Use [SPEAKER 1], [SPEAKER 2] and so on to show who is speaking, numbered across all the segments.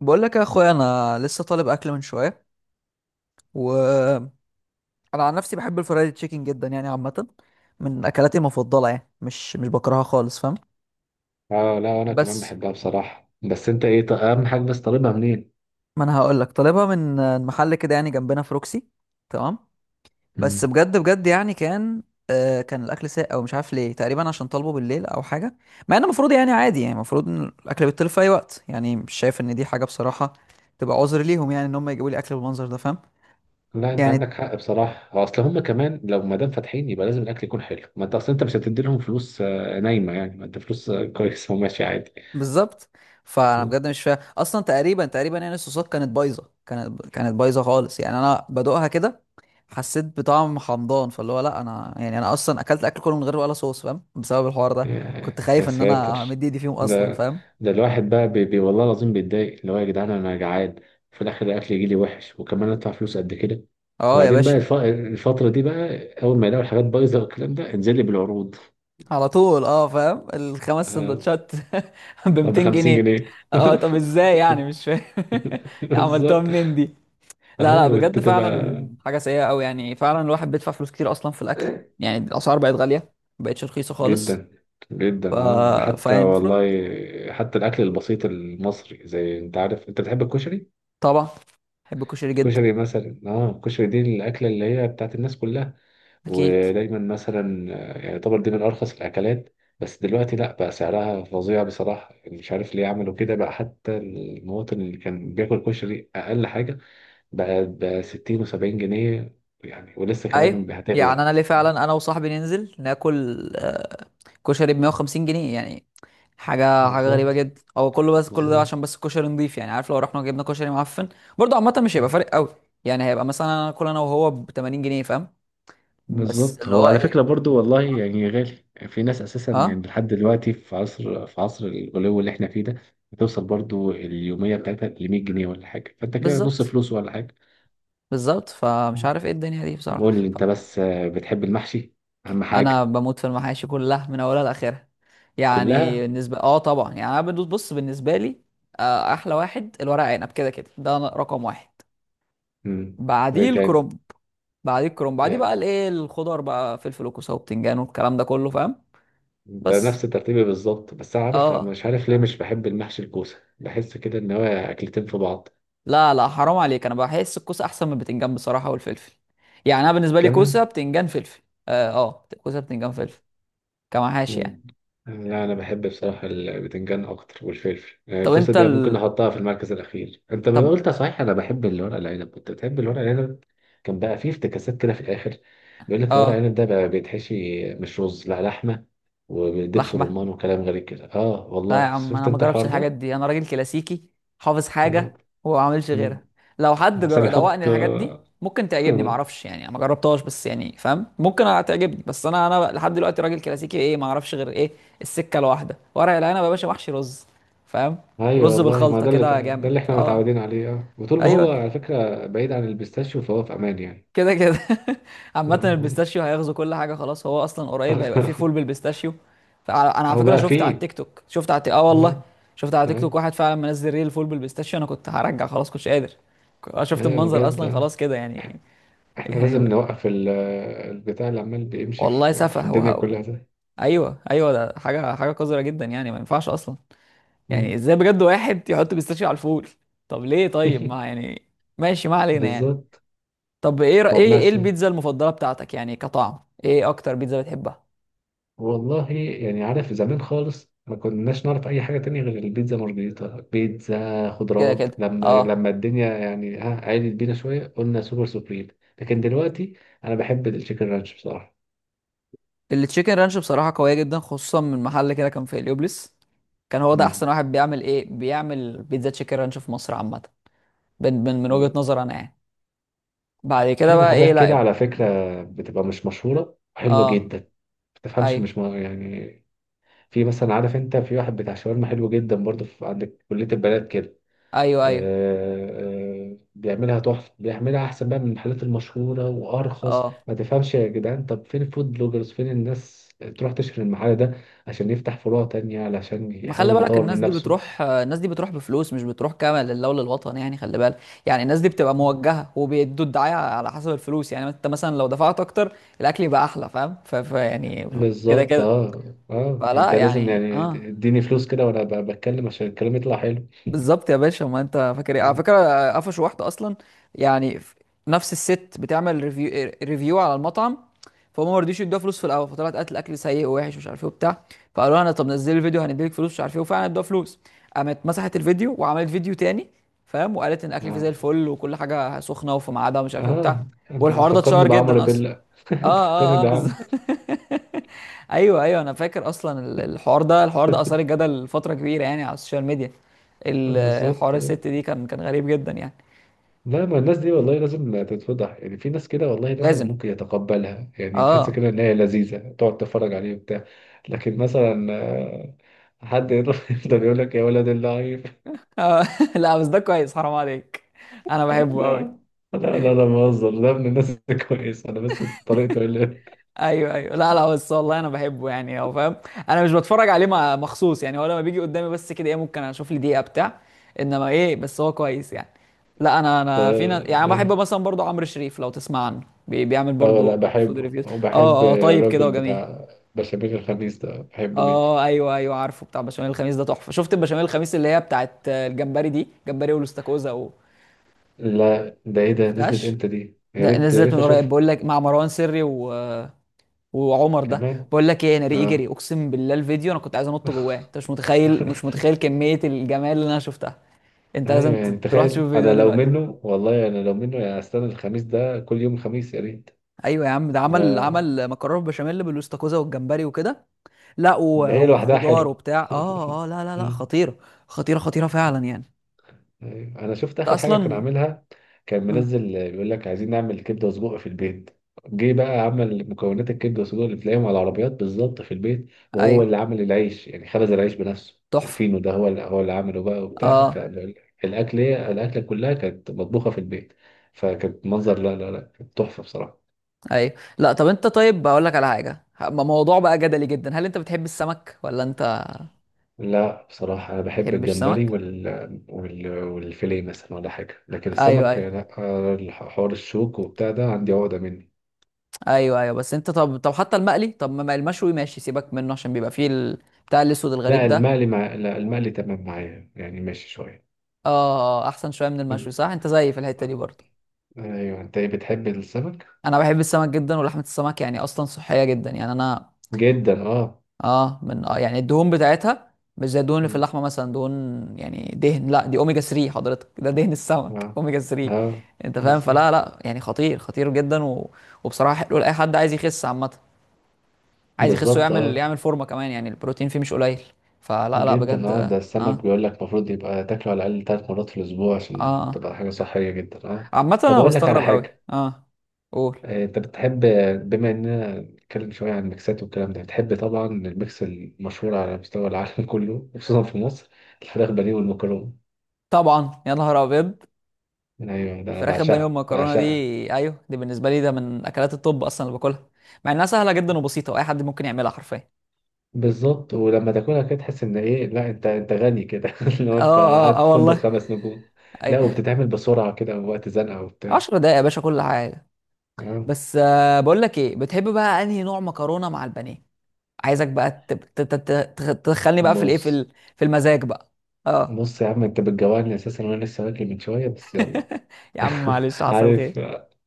[SPEAKER 1] بقول لك يا اخويا، انا لسه طالب اكل من شويه. وانا عن نفسي بحب الفرايد تشيكن جدا، يعني عامه من اكلاتي المفضله، يعني مش بكرهها خالص، فاهم؟
[SPEAKER 2] اه لا وانا كمان
[SPEAKER 1] بس
[SPEAKER 2] بحبها بصراحة. بس انت ايه اهم حاجة، بس طالبها منين؟
[SPEAKER 1] ما انا هقول لك طالبها من محل كده يعني جنبنا في روكسي، تمام. بس
[SPEAKER 2] مم.
[SPEAKER 1] بجد بجد يعني كان، كان الاكل ساقع ومش عارف ليه، تقريبا عشان طالبه بالليل او حاجه. مع ان المفروض يعني عادي، يعني المفروض ان الاكل بيتطلب في اي وقت، يعني مش شايف ان دي حاجه بصراحه تبقى عذر ليهم يعني، ان هم يجيبوا لي اكل بالمنظر ده، فاهم؟
[SPEAKER 2] لا انت
[SPEAKER 1] يعني
[SPEAKER 2] عندك حق بصراحة، هو اصل هم كمان لو ما دام فاتحين يبقى لازم الاكل يكون حلو، ما انت اصل انت مش هتدي لهم فلوس نايمة يعني، ما انت فلوس كويس وماشي عادي.
[SPEAKER 1] بالظبط. فانا
[SPEAKER 2] مم.
[SPEAKER 1] بجد مش فاهم اصلا، تقريبا تقريبا يعني الصوصات كانت بايظه، كانت بايظه خالص يعني، انا بدوقها كده حسيت بطعم حمضان. فاللي هو لا، انا يعني انا اصلا اكلت اكل كله من غير ولا صوص، فاهم؟ بسبب الحوار ده كنت
[SPEAKER 2] يا
[SPEAKER 1] خايف ان انا
[SPEAKER 2] ساتر.
[SPEAKER 1] همد ايدي فيهم اصلا،
[SPEAKER 2] ده
[SPEAKER 1] فاهم؟
[SPEAKER 2] ده الواحد بقى بي بي والله العظيم بيتضايق، اللي هو يا جدعان انا جعان، في الاخر الاكل يجي لي وحش وكمان ادفع فلوس قد كده.
[SPEAKER 1] اه يا
[SPEAKER 2] وبعدين بقى
[SPEAKER 1] باشا.
[SPEAKER 2] الفترة دي بقى، اول ما يلاقوا الحاجات بايظة والكلام ده انزل لي بالعروض.
[SPEAKER 1] على طول، فاهم. الخمس
[SPEAKER 2] آه،
[SPEAKER 1] سندوتشات ب
[SPEAKER 2] ب
[SPEAKER 1] 200
[SPEAKER 2] 50
[SPEAKER 1] جنيه
[SPEAKER 2] جنيه
[SPEAKER 1] اه، طب ازاي؟ يعني مش فاهم. عملتوها
[SPEAKER 2] بالظبط.
[SPEAKER 1] منين دي؟ لا لا،
[SPEAKER 2] ايوه انت
[SPEAKER 1] بجد
[SPEAKER 2] تبقى،
[SPEAKER 1] فعلا حاجة سيئة أوي، يعني فعلا الواحد بيدفع فلوس كتير أصلا في الأكل. يعني الأسعار بقت غالية، مبقتش رخيصة خالص.
[SPEAKER 2] جدا
[SPEAKER 1] ف...
[SPEAKER 2] جدا. اه ده حتى
[SPEAKER 1] فيعني
[SPEAKER 2] والله،
[SPEAKER 1] المفروض.
[SPEAKER 2] حتى الاكل البسيط المصري، زي انت عارف انت بتحب الكشري،
[SPEAKER 1] طبعا بحب الكشري جدا.
[SPEAKER 2] الكشري مثلا، اه الكشري دي الاكله اللي هي بتاعت الناس كلها،
[SPEAKER 1] أكيد.
[SPEAKER 2] ودايما مثلا يعني يعتبر دي من ارخص الاكلات، بس دلوقتي لا، بقى سعرها فظيع بصراحه، مش عارف ليه عملوا كده بقى. حتى المواطن اللي كان بياكل كشري اقل حاجه ب 60 و70 جنيه يعني، ولسه
[SPEAKER 1] أيوه،
[SPEAKER 2] كمان
[SPEAKER 1] يعني
[SPEAKER 2] هتغلى.
[SPEAKER 1] أنا ليه
[SPEAKER 2] آه.
[SPEAKER 1] فعلا، أنا وصاحبي ننزل ناكل، كشري ب 150 جنيه يعني. حاجة حاجة غريبة
[SPEAKER 2] بالظبط،
[SPEAKER 1] جدا، هو كله، بس كله ده
[SPEAKER 2] بالظبط.
[SPEAKER 1] عشان بس الكشري نضيف يعني، عارف، لو رحنا جبنا كشري معفن برضه عامة مش هيبقى فارق أوي. يعني هيبقى مثلا أنا كل أنا وهو ب 80 جنيه، فاهم؟ بس
[SPEAKER 2] بالظبط،
[SPEAKER 1] اللي
[SPEAKER 2] هو
[SPEAKER 1] هو
[SPEAKER 2] على
[SPEAKER 1] إيه.
[SPEAKER 2] فكرة برضو والله
[SPEAKER 1] أه.
[SPEAKER 2] يعني غالي، في ناس أساسا يعني
[SPEAKER 1] آه،
[SPEAKER 2] لحد دلوقتي في عصر الغلو اللي احنا فيه ده، بتوصل برضو اليومية بتاعتها ل 100 جنيه ولا حاجة، فأنت كده نص
[SPEAKER 1] بالظبط.
[SPEAKER 2] فلوس ولا حاجة.
[SPEAKER 1] بالظبط، فمش
[SPEAKER 2] آه.
[SPEAKER 1] عارف ايه الدنيا دي
[SPEAKER 2] طب
[SPEAKER 1] بصراحه،
[SPEAKER 2] قول لي أنت بس، بتحب المحشي؟ أهم
[SPEAKER 1] انا
[SPEAKER 2] حاجة.
[SPEAKER 1] بموت في المحاشي كلها من اولها لاخرها، يعني
[SPEAKER 2] كلها.
[SPEAKER 1] بالنسبه، طبعا. يعني انا بدوس، بص، بالنسبه لي، احلى واحد الورق عنب كده كده، ده رقم واحد.
[SPEAKER 2] مم. وإيه
[SPEAKER 1] بعديه
[SPEAKER 2] تاني؟
[SPEAKER 1] الكرنب بعديه الكرنب بعديه بقى الايه، الخضار بقى، فلفل وكوسه وبتنجان والكلام ده كله، فاهم؟
[SPEAKER 2] انت
[SPEAKER 1] بس،
[SPEAKER 2] نفس ترتيبي بالظبط، بس أنا عارف، انا
[SPEAKER 1] اه
[SPEAKER 2] مش عارف ليه مش بحب المحشي الكوسه، بحس كده ان هو اكلتين في بعض.
[SPEAKER 1] لا لا، حرام عليك. انا بحس الكوسه احسن من البتنجان بصراحه، والفلفل. يعني انا بالنسبه لي
[SPEAKER 2] كمان.
[SPEAKER 1] كوسه بتنجان فلفل. اه اه، كوسه بتنجان فلفل كمحاشي يعني.
[SPEAKER 2] مم. لا انا بحب بصراحه البتنجان اكتر والفلفل، يعني
[SPEAKER 1] طب
[SPEAKER 2] الكوسه
[SPEAKER 1] انت
[SPEAKER 2] دي ممكن احطها في المركز الاخير. انت ما
[SPEAKER 1] طب،
[SPEAKER 2] قلت صحيح، انا بحب الورق العنب، كنت بتحب الورق العنب. كان بقى فيه افتكاسات كده في الاخر، بيقول لك الورق
[SPEAKER 1] اه
[SPEAKER 2] العنب ده بقى بيتحشي مش رز، لا لحمه ودبس
[SPEAKER 1] لحمه.
[SPEAKER 2] رمان وكلام غريب كده، اه
[SPEAKER 1] لا يا
[SPEAKER 2] والله
[SPEAKER 1] عم، انا
[SPEAKER 2] شفت
[SPEAKER 1] ما
[SPEAKER 2] انت
[SPEAKER 1] جربتش
[SPEAKER 2] الحوار
[SPEAKER 1] الحاجات
[SPEAKER 2] ده؟
[SPEAKER 1] دي، انا راجل كلاسيكي، حافظ
[SPEAKER 2] آه.
[SPEAKER 1] حاجه وما بعملش
[SPEAKER 2] مم.
[SPEAKER 1] غيرها. لو حد
[SPEAKER 2] محتاج
[SPEAKER 1] دوقني
[SPEAKER 2] احط
[SPEAKER 1] الحاجات دي
[SPEAKER 2] آه.
[SPEAKER 1] ممكن تعجبني، ما اعرفش، يعني أنا ما جربتهاش، بس يعني فاهم ممكن تعجبني. بس انا لحد دلوقتي راجل كلاسيكي، ايه، ما اعرفش غير ايه السكه الواحده، ورق العنب يا باشا، محشي رز، فاهم؟
[SPEAKER 2] ايوه
[SPEAKER 1] رز
[SPEAKER 2] والله، ما
[SPEAKER 1] بالخلطه
[SPEAKER 2] ده اللي،
[SPEAKER 1] كده،
[SPEAKER 2] ده
[SPEAKER 1] جامد.
[SPEAKER 2] اللي احنا
[SPEAKER 1] اه،
[SPEAKER 2] متعودين عليه. اه، وطول ما
[SPEAKER 1] ايوه
[SPEAKER 2] هو على فكره بعيد عن البيستاشيو فهو في امان يعني.
[SPEAKER 1] كده كده. عامة البيستاشيو هيغزو كل حاجة خلاص، هو أصلا قريب هيبقى فيه فول بالبيستاشيو. فأنا على
[SPEAKER 2] هو
[SPEAKER 1] فكرة
[SPEAKER 2] بقى
[SPEAKER 1] شفت على
[SPEAKER 2] فيه.
[SPEAKER 1] التيك توك، والله
[SPEAKER 2] اه.
[SPEAKER 1] شفت على تيك توك
[SPEAKER 2] ايوه.
[SPEAKER 1] واحد فعلا منزل ريل فول بالبيستاشيو. أنا كنت هرجع خلاص، كنتش قادر. أنا شفت
[SPEAKER 2] أيوة
[SPEAKER 1] المنظر
[SPEAKER 2] بجد
[SPEAKER 1] أصلا
[SPEAKER 2] اه.
[SPEAKER 1] خلاص كده يعني.
[SPEAKER 2] احنا لازم
[SPEAKER 1] يعني
[SPEAKER 2] نوقف البتاع اللي عمال بيمشي
[SPEAKER 1] والله
[SPEAKER 2] في
[SPEAKER 1] سفه.
[SPEAKER 2] الدنيا
[SPEAKER 1] وهو،
[SPEAKER 2] كلها ده.
[SPEAKER 1] أيوه أيوه، ده حاجة حاجة قذرة جدا يعني، ما ينفعش أصلا. يعني إزاي بجد واحد يحط بيستاشيو على الفول؟ طب ليه؟ طيب، ما يعني، ماشي ما علينا يعني.
[SPEAKER 2] بالظبط.
[SPEAKER 1] طب إيه رأ- إيه
[SPEAKER 2] طب
[SPEAKER 1] إيه
[SPEAKER 2] مثلا،
[SPEAKER 1] البيتزا المفضلة بتاعتك يعني كطعم؟ إيه أكتر بيتزا بتحبها؟
[SPEAKER 2] والله يعني عارف زمان خالص ما كناش نعرف اي حاجه تانية غير البيتزا مارجريتا، بيتزا
[SPEAKER 1] كده
[SPEAKER 2] خضروات.
[SPEAKER 1] كده
[SPEAKER 2] لما
[SPEAKER 1] اه.
[SPEAKER 2] لما الدنيا يعني ها عالت بينا شويه قلنا سوبر سوبريم. لكن دلوقتي، انا بحب التشيكن رانش بصراحه.
[SPEAKER 1] التشيكن رانش بصراحة قوية جدا، خصوصا من محل كده كان في هليوبلس. كان هو ده احسن
[SPEAKER 2] امم.
[SPEAKER 1] واحد بيعمل، بيعمل بيتزا تشيكن رانش في مصر عامة، من وجهة
[SPEAKER 2] ايوه.
[SPEAKER 1] نظر انا يعني. بعد كده
[SPEAKER 2] في
[SPEAKER 1] بقى ايه،
[SPEAKER 2] محلات كده
[SPEAKER 1] لا.
[SPEAKER 2] على فكره بتبقى مش مشهوره، حلوه
[SPEAKER 1] اه،
[SPEAKER 2] جدا، ما تفهمش
[SPEAKER 1] ايوه
[SPEAKER 2] مش م... يعني. في مثلا عارف انت، في واحد بتاع شاورما حلو جدا برضه في عند كليه البنات كده.
[SPEAKER 1] ايوه ايوه
[SPEAKER 2] بيعملها تحفة، بيعملها أحسن بقى من المحلات المشهورة وأرخص،
[SPEAKER 1] اه.
[SPEAKER 2] ما تفهمش يا جدعان، طب فين الفود بلوجرز، فين الناس تروح تشهر المحل ده عشان يفتح فروع تانية، علشان
[SPEAKER 1] ما خلي
[SPEAKER 2] يحاول
[SPEAKER 1] بالك،
[SPEAKER 2] يطور
[SPEAKER 1] الناس
[SPEAKER 2] من
[SPEAKER 1] دي
[SPEAKER 2] نفسه.
[SPEAKER 1] بتروح الناس دي بتروح بفلوس، مش بتروح كامل لله وللوطن يعني، خلي بالك. يعني الناس دي بتبقى موجهه، وبيدوا الدعايه على حسب الفلوس. يعني انت مثلا لو دفعت اكتر الاكل يبقى احلى، فاهم؟ يعني كده
[SPEAKER 2] بالظبط.
[SPEAKER 1] كده.
[SPEAKER 2] اه اه،
[SPEAKER 1] فلا
[SPEAKER 2] انت لازم
[SPEAKER 1] يعني،
[SPEAKER 2] يعني اديني فلوس كده وانا بتكلم عشان الكلام يطلع حلو.
[SPEAKER 1] بالظبط يا باشا. ما انت فاكر، ايه على فكره، قفشوا واحده اصلا يعني، نفس الست بتعمل ريفيو على المطعم، فهم ما رضيوش يدوها فلوس في الاول. فطلعت قالت الاكل سيء ووحش ومش عارف ايه وبتاع. فقالوا لها، طب نزلي الفيديو هنديلك فلوس مش عارف ايه، وفعلا ادوها فلوس. قامت مسحت الفيديو وعملت فيديو تاني، فاهم؟ وقالت ان الاكل فيه زي
[SPEAKER 2] اه.
[SPEAKER 1] الفل وكل حاجه سخنه وفي ميعادها ومش عارف ايه وبتاع.
[SPEAKER 2] اه انت
[SPEAKER 1] والحوار ده
[SPEAKER 2] تفكرني
[SPEAKER 1] اتشهر
[SPEAKER 2] بعمرو
[SPEAKER 1] جدا اصلا.
[SPEAKER 2] بيلا
[SPEAKER 1] اه
[SPEAKER 2] انت تفكرني
[SPEAKER 1] اه بالظبط.
[SPEAKER 2] بعمرو.
[SPEAKER 1] ايوه ايوه، انا فاكر اصلا، الحوار ده اثار الجدل فتره كبيره يعني على السوشيال ميديا.
[SPEAKER 2] بالظبط.
[SPEAKER 1] حوار الست دي كان غريب جدا يعني.
[SPEAKER 2] لا، ما الناس دي والله لازم تتفضح، يعني في ناس كده والله الواحد
[SPEAKER 1] لازم.
[SPEAKER 2] ممكن يتقبلها، يعني تحس
[SPEAKER 1] اه،
[SPEAKER 2] كده ان هي لذيذه تقعد تتفرج عليه وبتاع. لكن مثلا حد يروح يفضل يقول لك يا ولد اللعيب.
[SPEAKER 1] آه. لا بس ده كويس، حرام عليك، انا
[SPEAKER 2] آه.
[SPEAKER 1] بحبه قوي.
[SPEAKER 2] لا لا لا لا، بهزر، ده من الناس الكويسه، انا بس طريقته اللي.
[SPEAKER 1] ايوه ايوه، لا لا، بس والله انا بحبه يعني، هو فاهم. انا مش بتفرج عليه مخصوص، يعني هو لما بيجي قدامي بس كده، ايه، ممكن اشوف لي دقيقه بتاع، انما ايه، بس هو كويس يعني. لا انا فينا يعني، أنا بحب
[SPEAKER 2] اه.
[SPEAKER 1] مثلا برضو عمرو شريف لو تسمع عنه، بيعمل
[SPEAKER 2] آه، لا
[SPEAKER 1] برضو فود
[SPEAKER 2] بحبه،
[SPEAKER 1] ريفيوز.
[SPEAKER 2] وبحب
[SPEAKER 1] اه طيب، كده
[SPEAKER 2] الراجل
[SPEAKER 1] وجميل.
[SPEAKER 2] بتاع بشاميل الخميس ده، بحبه جدا.
[SPEAKER 1] اه ايوه ايوه، عارفه بتاع بشاميل الخميس ده تحفه. شفت البشاميل الخميس اللي هي بتاعت، الجمبري دي، جمبري والاستاكوزا
[SPEAKER 2] لا ده ايه ده، نزلت
[SPEAKER 1] شفتهاش؟
[SPEAKER 2] امتى دي؟ يا
[SPEAKER 1] لا،
[SPEAKER 2] ريت يا
[SPEAKER 1] نزلت
[SPEAKER 2] ريت
[SPEAKER 1] من قريب،
[SPEAKER 2] اشوفها.
[SPEAKER 1] بقول لك مع مروان سري وعمر ده.
[SPEAKER 2] كمان.
[SPEAKER 1] بقول لك ايه، انا ريقي جري،
[SPEAKER 2] اه.
[SPEAKER 1] اقسم بالله الفيديو انا كنت عايز انط جواه. انت مش متخيل، مش متخيل كمية الجمال اللي انا شفتها. انت لازم
[SPEAKER 2] ايوه يعني
[SPEAKER 1] تروح تشوف
[SPEAKER 2] تخيل
[SPEAKER 1] الفيديو
[SPEAKER 2] انا
[SPEAKER 1] ده
[SPEAKER 2] لو
[SPEAKER 1] دلوقتي.
[SPEAKER 2] منه، والله انا لو منه يعني استنى الخميس ده، كل يوم خميس يا ريت.
[SPEAKER 1] ايوه يا عم، ده عمل
[SPEAKER 2] لا-
[SPEAKER 1] عمل مكرونه بشاميل بالاستاكوزا والجمبري وكده. لا،
[SPEAKER 2] ده هي لوحدها
[SPEAKER 1] وخضار
[SPEAKER 2] حلو.
[SPEAKER 1] وبتاع، لا لا لا،
[SPEAKER 2] أمم.
[SPEAKER 1] خطيره خطيره خطيره فعلا يعني.
[SPEAKER 2] أيوة. انا شفت
[SPEAKER 1] انت
[SPEAKER 2] اخر حاجه كان
[SPEAKER 1] اصلا،
[SPEAKER 2] عاملها، كان
[SPEAKER 1] آه.
[SPEAKER 2] منزل بيقول لك عايزين نعمل كبده وسجق في البيت. جه بقى عمل مكونات الكبده والسجق اللي بتلاقيهم على العربيات بالظبط في البيت، وهو
[SPEAKER 1] ايوه،
[SPEAKER 2] اللي عمل العيش يعني، خبز العيش بنفسه
[SPEAKER 1] تحفه.
[SPEAKER 2] الفينو ده، هو اللي عمله بقى وبتاع.
[SPEAKER 1] اه،
[SPEAKER 2] فالاكل، الاكله كلها كانت مطبوخه في البيت، فكانت منظر، لا لا لا كانت تحفه بصراحه.
[SPEAKER 1] ايوه. لا طب انت، طيب بقول لك على حاجه، موضوع بقى جدلي جدا، هل انت بتحب السمك ولا انت
[SPEAKER 2] لا بصراحة أنا بحب
[SPEAKER 1] بتحبش
[SPEAKER 2] الجمبري
[SPEAKER 1] سمك؟
[SPEAKER 2] والفيليه مثلا ولا حاجة، لكن
[SPEAKER 1] ايوه
[SPEAKER 2] السمك
[SPEAKER 1] ايوه
[SPEAKER 2] لا، حوار الشوك وبتاع ده عندي عقدة منه.
[SPEAKER 1] ايوه ايوه، بس انت طب، حتى المقلي، طب ما المشوي ماشي، سيبك منه عشان بيبقى فيه بتاع الاسود الغريب ده.
[SPEAKER 2] لا المقلي تمام معايا يعني، ماشي شوية.
[SPEAKER 1] اه احسن شويه من المشوي، صح؟ انت زيي في الحته دي برضه.
[SPEAKER 2] أيوة. أنت إيه، بتحب السمك؟
[SPEAKER 1] انا بحب السمك جدا، ولحمه السمك يعني اصلا صحيه جدا. يعني انا،
[SPEAKER 2] جدا أه.
[SPEAKER 1] اه من آه يعني الدهون بتاعتها مش زي الدهون اللي في
[SPEAKER 2] م.
[SPEAKER 1] اللحمه مثلا، دهون يعني دهن. لا، دي اوميجا 3 حضرتك، ده دهن السمك.
[SPEAKER 2] أه.
[SPEAKER 1] اوميجا 3.
[SPEAKER 2] أه.
[SPEAKER 1] انت فاهم؟
[SPEAKER 2] بالظبط.
[SPEAKER 1] فلا لا يعني خطير، خطير جدا وبصراحه حلو لاي حد عايز يخس عامه، عايز يخس
[SPEAKER 2] بالظبط
[SPEAKER 1] ويعمل،
[SPEAKER 2] أه.
[SPEAKER 1] يعمل فورمه كمان يعني. البروتين فيه مش قليل، فلا لا
[SPEAKER 2] جدا
[SPEAKER 1] بجد.
[SPEAKER 2] أه، ده السمك
[SPEAKER 1] اه
[SPEAKER 2] بيقول لك المفروض يبقى تاكله على الأقل 3 مرات في الأسبوع عشان
[SPEAKER 1] آه.
[SPEAKER 2] تبقى حاجة صحية جدا أه.
[SPEAKER 1] عامه
[SPEAKER 2] طب
[SPEAKER 1] انا
[SPEAKER 2] أقول لك على
[SPEAKER 1] بستغرب قوي.
[SPEAKER 2] حاجة،
[SPEAKER 1] اه، قول.
[SPEAKER 2] انت بتحب، بما اننا نتكلم شويه عن الميكسات والكلام ده، بتحب طبعا الميكس المشهور على مستوى العالم كله، خصوصا في مصر، الفراخ بانيه والمكرونه.
[SPEAKER 1] طبعا، يا نهار ابيض،
[SPEAKER 2] ايوه ده انا
[SPEAKER 1] الفراخ البانيه
[SPEAKER 2] بعشقها
[SPEAKER 1] والمكرونه دي.
[SPEAKER 2] بعشقها.
[SPEAKER 1] ايوه، دي بالنسبه لي ده من اكلات الطب اصلا اللي باكلها، مع انها سهله جدا وبسيطه واي حد ممكن يعملها حرفيا.
[SPEAKER 2] بالظبط، ولما تاكلها كده تحس ان ايه، لا انت انت غني كده لو انت
[SPEAKER 1] اه
[SPEAKER 2] قاعد في
[SPEAKER 1] اه
[SPEAKER 2] فندق
[SPEAKER 1] والله
[SPEAKER 2] 5 نجوم.
[SPEAKER 1] اي
[SPEAKER 2] لا، وبتتعمل بسرعه كده وقت زنقه وبتاع.
[SPEAKER 1] 10 دقايق يا باشا كل حاجه.
[SPEAKER 2] آه.
[SPEAKER 1] بس، آه، بقول لك ايه، بتحب بقى انهي نوع مكرونه مع البانيه؟ عايزك بقى تدخلني بقى في الايه،
[SPEAKER 2] بص.
[SPEAKER 1] في المزاج بقى. اه
[SPEAKER 2] بص يا عم، انت بتجوعني اساسا وانا لسه واكل من شويه، بس يلا
[SPEAKER 1] يا عم، معلش حصل خير.
[SPEAKER 2] عارف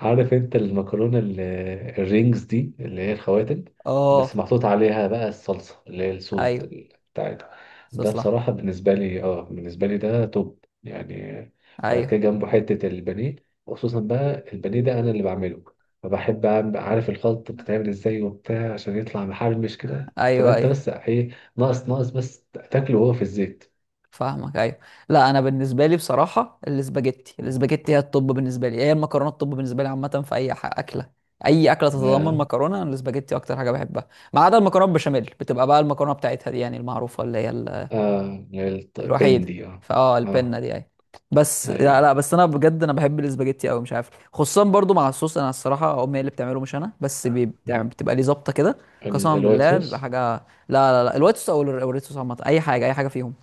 [SPEAKER 2] عارف انت المكرونه الرينجز دي، اللي هي الخواتم،
[SPEAKER 1] اه
[SPEAKER 2] بس محطوط عليها بقى الصلصه اللي هي الصوص ده
[SPEAKER 1] ايوه،
[SPEAKER 2] بتاعتها. ده
[SPEAKER 1] استصلح.
[SPEAKER 2] بصراحه بالنسبه لي، اه بالنسبه لي ده توب يعني. بعد
[SPEAKER 1] ايوه
[SPEAKER 2] كده جنبه حته البانيه، وخصوصا بقى البانيه ده انا اللي بعمله. فبحب عارف الخلط بتتعمل ازاي وبتاع عشان يطلع محرمش كده، تبقى
[SPEAKER 1] ايوه
[SPEAKER 2] انت
[SPEAKER 1] ايوه،
[SPEAKER 2] بس ايه، ناقص ناقص بس تاكله وهو في الزيت.
[SPEAKER 1] فاهمك. ايوه. لا انا بالنسبه لي بصراحه، الاسباجيتي هي الطب بالنسبه لي، هي المكرونه الطب بالنسبه لي عامه، في اي ح- اكله اي اكله تتضمن
[SPEAKER 2] ده
[SPEAKER 1] مكرونه. انا الاسباجيتي اكتر حاجه بحبها، ما عدا المكرونه بشاميل بتبقى بقى المكرونه بتاعتها دي يعني المعروفه، اللي هي
[SPEAKER 2] آه
[SPEAKER 1] الوحيده.
[SPEAKER 2] البندي اه.
[SPEAKER 1] فاه
[SPEAKER 2] آه.
[SPEAKER 1] البنه دي اهي. بس لا
[SPEAKER 2] ايوه.
[SPEAKER 1] لا، بس انا بجد بحب الاسباجيتي قوي، مش عارف، خصوصا برضو مع الصوص. انا الصراحه امي هي اللي بتعمله مش انا، بس
[SPEAKER 2] مم.
[SPEAKER 1] بتبقى ليه ظابطه كده. قسما
[SPEAKER 2] الوايت
[SPEAKER 1] بالله بيبقى
[SPEAKER 2] صوص.
[SPEAKER 1] حاجه، لا. لا لا، الوايت صوص او أو الريد صوص عامه، اي حاجه اي حاجه فيهم.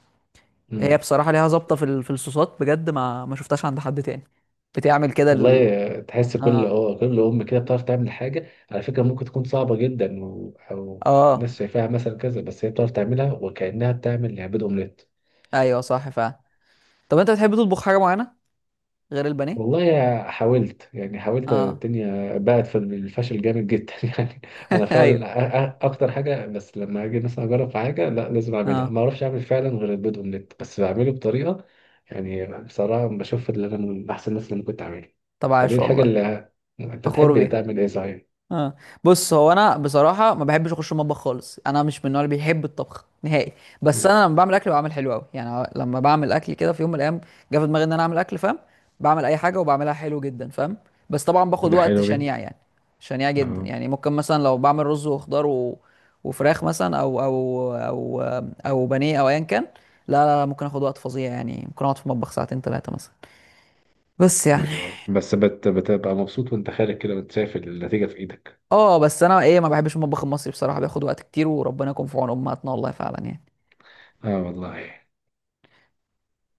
[SPEAKER 1] هي
[SPEAKER 2] مم.
[SPEAKER 1] بصراحه ليها ظابطه في الصوصات بجد، ما شفتهاش عند حد تاني. بتعمل كده
[SPEAKER 2] والله تحس كل
[SPEAKER 1] اه
[SPEAKER 2] اه كل ام كده بتعرف تعمل حاجه على فكره، ممكن تكون صعبه جدا و... او
[SPEAKER 1] اه
[SPEAKER 2] الناس شايفاها مثلا كذا، بس هي بتعرف تعملها وكانها بتعمل يعني بيض اومليت.
[SPEAKER 1] ايوه، صح فعلا. طب انت بتحب تطبخ حاجه معينه غير البانيه؟
[SPEAKER 2] والله حاولت يعني حاولت،
[SPEAKER 1] اه.
[SPEAKER 2] الدنيا بقت في الفشل جامد جدا يعني. انا فعلا
[SPEAKER 1] ايوه.
[SPEAKER 2] اكتر حاجه، بس لما اجي مثلا اجرب في حاجه لا، لازم اعملها،
[SPEAKER 1] اه،
[SPEAKER 2] ما اعرفش اعمل فعلا غير البيض اومليت، بس بعمله بطريقه يعني بصراحه بشوف ان انا من احسن الناس اللي أنا كنت اعملها.
[SPEAKER 1] طب
[SPEAKER 2] فدي
[SPEAKER 1] عاش
[SPEAKER 2] الحاجه
[SPEAKER 1] والله،
[SPEAKER 2] اللي، انت
[SPEAKER 1] فخور
[SPEAKER 2] بتحب
[SPEAKER 1] بيها.
[SPEAKER 2] تعمل ايه صحيح؟
[SPEAKER 1] اه. بص هو انا بصراحه ما بحبش اخش المطبخ خالص، انا مش من النوع اللي بيحب الطبخ نهائي. بس
[SPEAKER 2] مم.
[SPEAKER 1] انا لما بعمل اكل بعمل حلو قوي، يعني لما بعمل اكل كده في يوم من الايام جه في دماغي ان انا اعمل اكل، فاهم؟ بعمل اي حاجه وبعملها حلو جدا، فاهم؟ بس طبعا باخد
[SPEAKER 2] ده
[SPEAKER 1] وقت
[SPEAKER 2] حلو جدا.
[SPEAKER 1] شنيع يعني، شنيع جدا
[SPEAKER 2] اه.
[SPEAKER 1] يعني. ممكن مثلا لو بعمل رز وخضار وفراخ مثلا، او بانيه او ايا كان. لا لا لا، ممكن اخد وقت فظيع يعني، ممكن اقعد في المطبخ ساعتين ثلاثه مثلا، بس يعني.
[SPEAKER 2] ايوه، بس بتبقى مبسوط وانت خارج كده وانت شايف النتيجة في ايدك.
[SPEAKER 1] اه بس انا ما بحبش المطبخ المصري بصراحه، بياخد وقت كتير، وربنا يكون في عون امهاتنا، والله فعلا يعني.
[SPEAKER 2] اه والله.